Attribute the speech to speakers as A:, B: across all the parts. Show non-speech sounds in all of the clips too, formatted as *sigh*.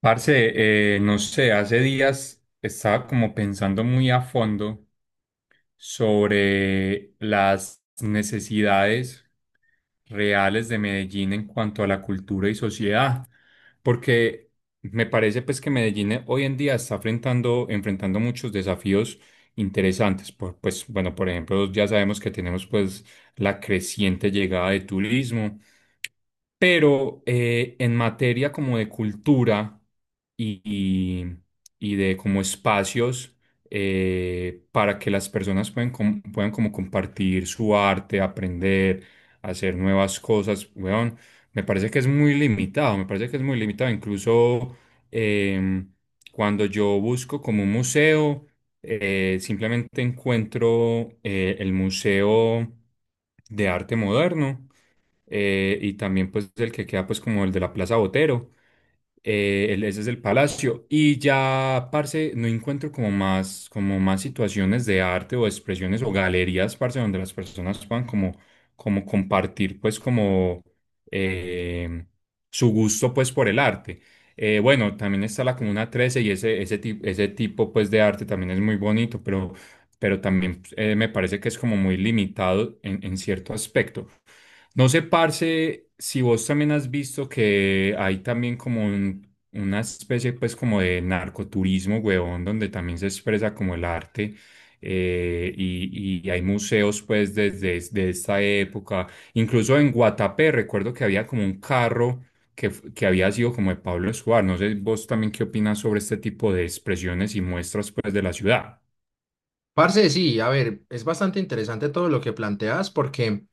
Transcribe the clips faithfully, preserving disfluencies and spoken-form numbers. A: Parce, eh, no sé, hace días estaba como pensando muy a fondo sobre las necesidades reales de Medellín en cuanto a la cultura y sociedad, porque me parece pues que Medellín eh, hoy en día está enfrentando, enfrentando muchos desafíos interesantes, por, pues bueno, por ejemplo, ya sabemos que tenemos pues la creciente llegada de turismo pero eh, en materia como de cultura y, y- y de como espacios eh, para que las personas puedan, com- puedan como compartir su arte, aprender, hacer nuevas cosas, weón, me parece que es muy limitado, me parece que es muy limitado. Incluso em, cuando yo busco como un museo, eh, simplemente encuentro eh, el Museo de Arte Moderno, eh, y también pues el que queda pues como el de la Plaza Botero, eh, el- ese es el Palacio, y ya, parce, no encuentro como más, como más situaciones de arte o expresiones o galerías, parce, donde las personas puedan como, como compartir pues como eh, su gusto pues por el arte. Eh, bueno, también está la Comuna trece y ese, ese, ti- ese tipo pues de arte también es muy bonito, pero pero también eh, me parece que es como muy limitado en, en cierto aspecto. No sé, parce, si vos también has visto que hay también como un- una especie pues como de narcoturismo, huevón, donde también se expresa como el arte eh, y, y hay museos pues desde, desde esta época. Incluso en Guatapé recuerdo que había como un carro que, f- que había sido como de Pablo Escobar. No sé vos también qué opinas sobre este tipo de expresiones y muestras pues de la ciudad.
B: Parce, sí, a ver, es bastante interesante todo lo que planteas porque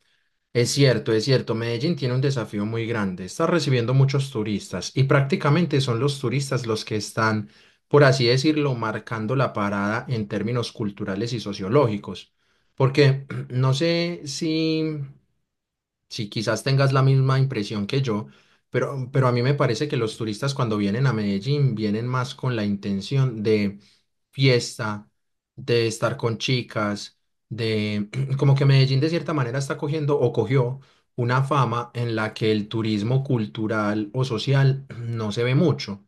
B: es cierto, es cierto, Medellín tiene un desafío muy grande, está recibiendo muchos turistas y prácticamente son los turistas los que están, por así decirlo, marcando la parada en términos culturales y sociológicos, porque *clears throat* no sé si sí, quizás tengas la misma impresión que yo, pero, pero a mí me parece que los turistas cuando vienen a Medellín vienen más con la intención de fiesta, de estar con chicas, de *clears throat* como que Medellín de cierta manera está cogiendo o cogió una fama en la que el turismo cultural o social *clears throat* no se ve mucho.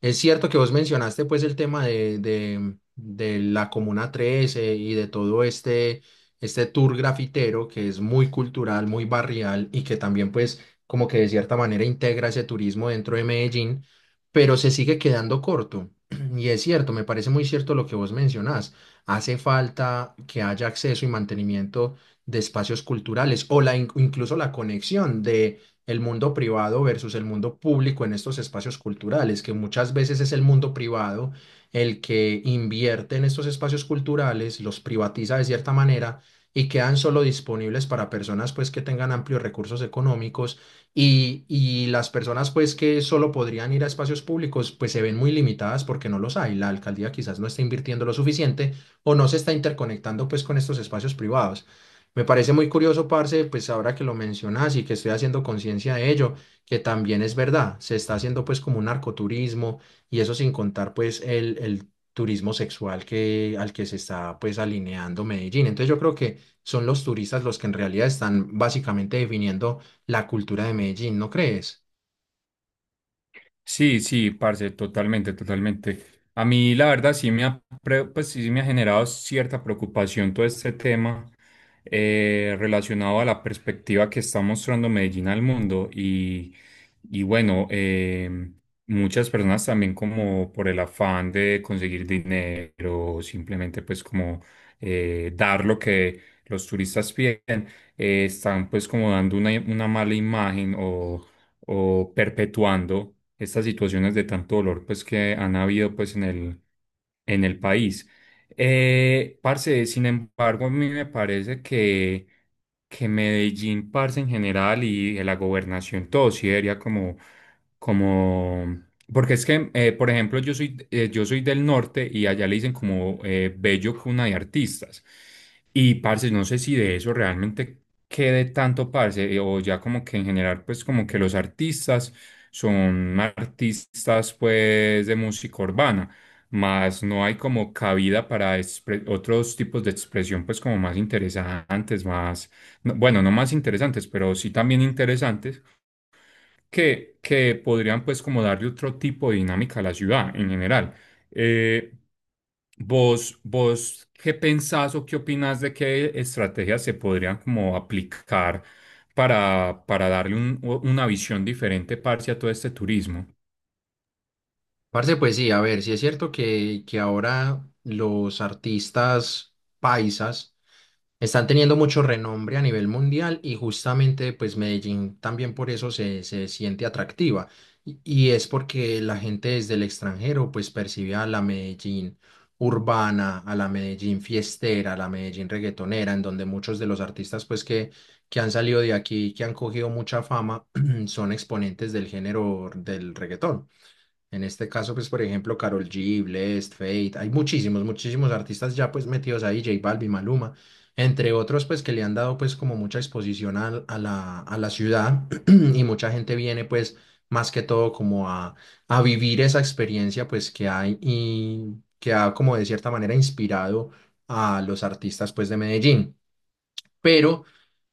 B: Es cierto que vos mencionaste pues el tema de, de, de la Comuna trece y de todo este, este tour grafitero que es muy cultural, muy barrial y que también pues como que de cierta manera integra ese turismo dentro de Medellín, pero se sigue quedando corto. *clears throat* Y es cierto, me parece muy cierto lo que vos mencionás. Hace falta que haya acceso y mantenimiento de espacios culturales o la, in- incluso la conexión de el mundo privado versus el mundo público en estos espacios culturales, que muchas veces es el mundo privado el que invierte en estos espacios culturales, los privatiza de cierta manera y quedan solo disponibles para personas pues que tengan amplios recursos económicos y, y las personas pues que solo podrían ir a espacios públicos pues se ven muy limitadas porque no los hay. La alcaldía quizás no está invirtiendo lo suficiente o no se está interconectando pues con estos espacios privados. Me parece muy curioso, parce, pues ahora que lo mencionas y que estoy haciendo conciencia de ello, que también es verdad, se está haciendo pues como un narcoturismo y eso sin contar pues el, el turismo sexual que, al que se está pues alineando Medellín. Entonces yo creo que son los turistas los que en realidad están básicamente definiendo la cultura de Medellín, ¿no crees?
A: Sí, sí, parce, totalmente, totalmente. A mí, la verdad, sí me ha, pre- pues, sí sí me ha generado cierta preocupación todo este tema eh, relacionado a la perspectiva que está mostrando Medellín al mundo. Y, y bueno, eh, muchas personas también como por el afán de conseguir dinero, simplemente pues como eh, dar lo que los turistas piden, eh, están pues como dando una, una mala imagen o o perpetuando estas situaciones de tanto dolor pues que han habido pues en el, en el país. Eh, parce, sin embargo, a mí me parece que, que Medellín, parce, en general y la gobernación, todo sí debería como, como, porque es que, eh, por ejemplo, yo soy, eh, yo soy del norte y allá le dicen como eh, bello cuna de artistas. Y parce, no sé si de eso realmente quede tanto parce, eh, o ya como que en general, pues como que los artistas son artistas pues de música urbana, más no hay como cabida para expre- otros tipos de expresión pues como más interesantes, más, no- bueno, no más interesantes, pero sí también interesantes que, que podrían pues como darle otro tipo de dinámica a la ciudad en general. Eh, ¿Vos, vos qué pensás o qué opinás de qué estrategias se podrían como aplicar para, para darle un- una visión diferente, parce, a todo este turismo?
B: Parce, pues sí, a ver, sí es cierto que, que ahora los artistas paisas están teniendo mucho renombre a nivel mundial y justamente pues Medellín también por eso se, se siente atractiva y, y es porque la gente desde el extranjero pues percibe a la Medellín urbana, a la Medellín fiestera, a la Medellín reggaetonera, en donde muchos de los artistas pues que, que han salido de aquí, que han cogido mucha fama, *clears throat* son exponentes del género del reggaetón. En este caso, pues, por ejemplo, Karol G, Blessd, Fate, hay muchísimos, muchísimos artistas ya pues metidos ahí, J Balvin, Maluma, entre otros, pues, que le han dado pues como mucha exposición al- a, la, a la ciudad *clears throat* y mucha gente viene pues más que todo como a, a vivir esa experiencia pues que hay y que ha como de cierta manera inspirado a los artistas pues de Medellín. Pero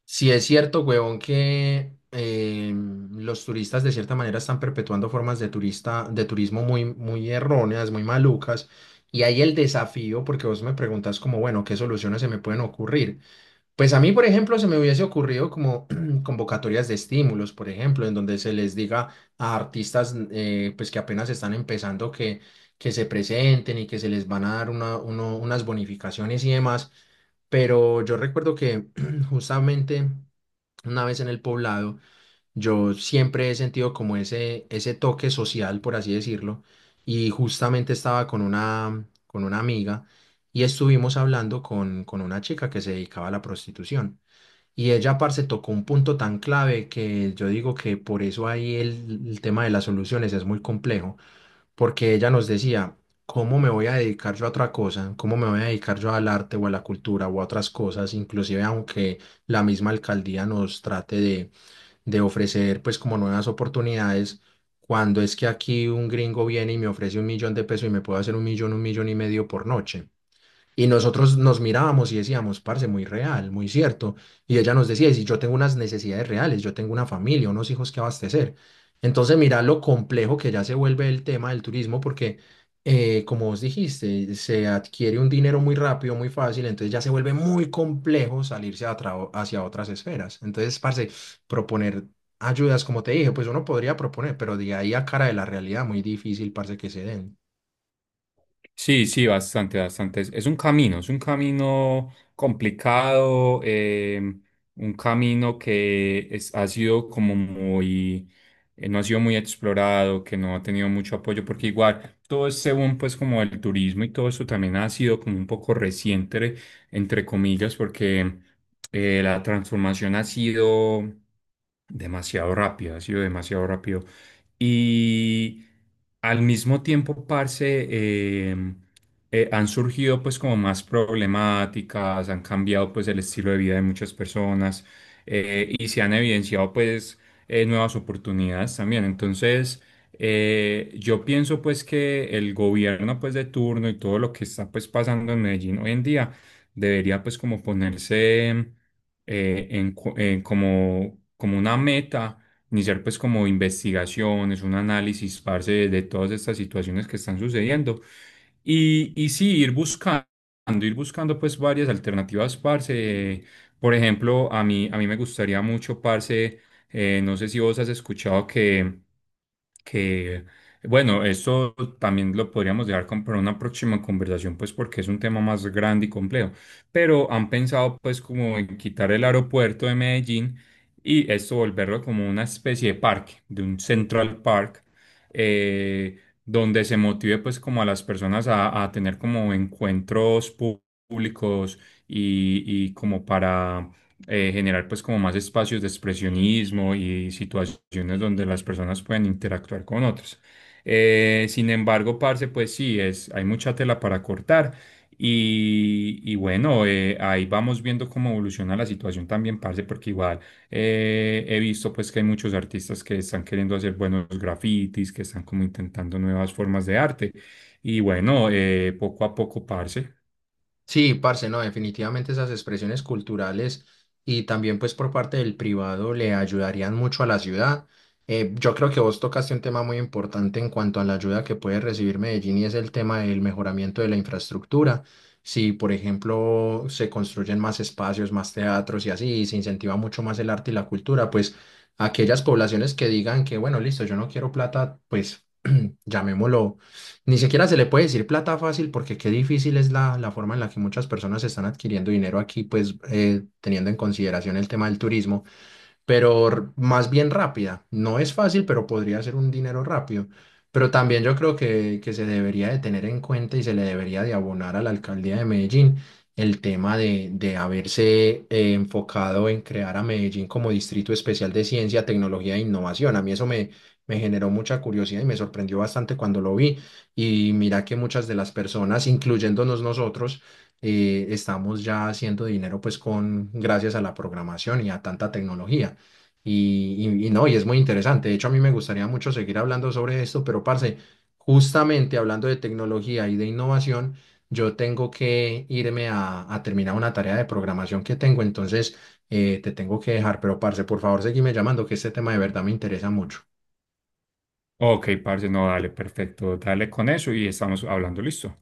B: si es cierto, huevón, que eh, los turistas de cierta manera están perpetuando formas de turista, de turismo muy, muy erróneas, muy malucas. Y hay el desafío, porque vos me preguntas como, bueno, ¿qué soluciones se me pueden ocurrir? Pues a mí, por ejemplo, se me hubiese ocurrido como *clears throat* convocatorias de estímulos, por ejemplo, en donde se les diga a artistas eh, pues que apenas están empezando que, que se presenten y que se les van a dar una- uno- unas bonificaciones y demás. Pero yo recuerdo que *clears throat* justamente una vez en el poblado, yo siempre he sentido como ese, ese toque social, por así decirlo, y justamente estaba con una, con una amiga y estuvimos hablando con, con una chica que se dedicaba a la prostitución. Y ella, parce, tocó un punto tan clave que yo digo que por eso ahí el, el tema de las soluciones es muy complejo, porque ella nos decía, ¿cómo me voy a dedicar yo a otra cosa? ¿Cómo me voy a dedicar yo al arte o a la cultura o a otras cosas? Inclusive aunque la misma alcaldía nos trate de de ofrecer pues como nuevas oportunidades, cuando es que aquí un gringo viene y me ofrece un millón de pesos y me puede hacer un millón, un millón y medio por noche. Y nosotros nos mirábamos y decíamos, parce, muy real, muy cierto. Y ella nos decía, y si yo tengo unas necesidades reales, yo tengo una familia, unos hijos que abastecer. Entonces, mira lo complejo que ya se vuelve el tema del turismo, porque, eh, como vos dijiste, se adquiere un dinero muy rápido, muy fácil, entonces ya se vuelve muy complejo salirse a tra- hacia otras esferas. Entonces, parce, proponer ayudas, como te dije, pues uno podría proponer, pero de ahí a cara de la realidad, muy difícil, parce, que se den.
A: Sí, sí, bastante, bastante. Es, es un camino, es un camino complicado, eh, un camino que es- ha sido como muy, eh, no ha sido muy explorado, que no ha tenido mucho apoyo, porque igual todo este boom, pues como el turismo y todo eso también ha sido como un poco reciente, entre comillas, porque eh, la transformación ha sido demasiado rápida, ha sido demasiado rápido. Y al mismo tiempo, parce, em, eh, han surgido pues como más problemáticas, han cambiado pues el estilo de vida de muchas personas eh, y se han evidenciado pues eh, nuevas oportunidades también. Entonces, eh, yo pienso pues que el gobierno pues de turno y todo lo que está pues pasando en Medellín hoy en día debería pues como ponerse eh, en, cu- en como, como una meta iniciar pues como investigaciones, un análisis, parce, de, de todas estas situaciones que están sucediendo. Y, y sí, ir buscando, ir buscando pues varias alternativas, parce. Eh, Por ejemplo, a mí, a mí me gustaría mucho, parce, eh, no sé si vos has escuchado que que, bueno, esto también lo podríamos dejar con- para una próxima conversación, pues porque es un tema más grande y complejo, pero han pensado pues como en quitar el aeropuerto de Medellín y esto volverlo como una especie de parque, de un Central Park, eh, donde se motive pues como a las personas a, a tener como encuentros pú- públicos y, y como para eh, generar pues como más espacios de expresionismo y situaciones donde las personas pueden interactuar con otros. Eh, sin embargo, parce, pues sí, es, hay mucha tela para cortar. Y, y bueno, eh, ahí vamos viendo cómo evoluciona la situación también, parce, porque igual eh, he visto pues que hay muchos artistas que están queriendo hacer buenos grafitis, que están como intentando nuevas formas de arte. Y bueno, eh, poco a poco, parce.
B: Sí, parce, no, definitivamente esas expresiones culturales y también pues por parte del privado le ayudarían mucho a la ciudad. Eh, yo creo que vos tocaste un tema muy importante en cuanto a la ayuda que puede recibir Medellín y es el tema del mejoramiento de la infraestructura. Si, por ejemplo, se construyen más espacios, más teatros y así, y se incentiva mucho más el arte y la cultura, pues aquellas poblaciones que digan que, bueno, listo, yo no quiero plata, pues llamémoslo, ni siquiera se le puede decir plata fácil porque qué difícil es la, la forma en la que muchas personas están adquiriendo dinero aquí, pues eh, teniendo en consideración el tema del turismo pero r- más bien rápida. No es fácil, pero podría ser un dinero rápido. Pero también yo creo que, que se debería de tener en cuenta y se le debería de abonar a la alcaldía de Medellín el tema de, de haberse eh, enfocado en crear a Medellín como distrito especial de ciencia, tecnología e innovación. A mí eso me, me generó mucha curiosidad y me sorprendió bastante cuando lo vi. Y mira que muchas de las personas, incluyéndonos nosotros, eh, estamos ya haciendo dinero pues con gracias a la programación y a tanta tecnología. Y, y- y no, y es muy interesante. De hecho, a mí me gustaría mucho seguir hablando sobre esto, pero parce, justamente hablando de tecnología y de innovación, yo tengo que irme a, a terminar una tarea de programación que tengo, entonces eh, te tengo que dejar, pero parce, por favor, seguime llamando, que este tema de verdad me interesa mucho.
A: Ok, parce, no, dale, perfecto, dale con eso y estamos hablando, listo.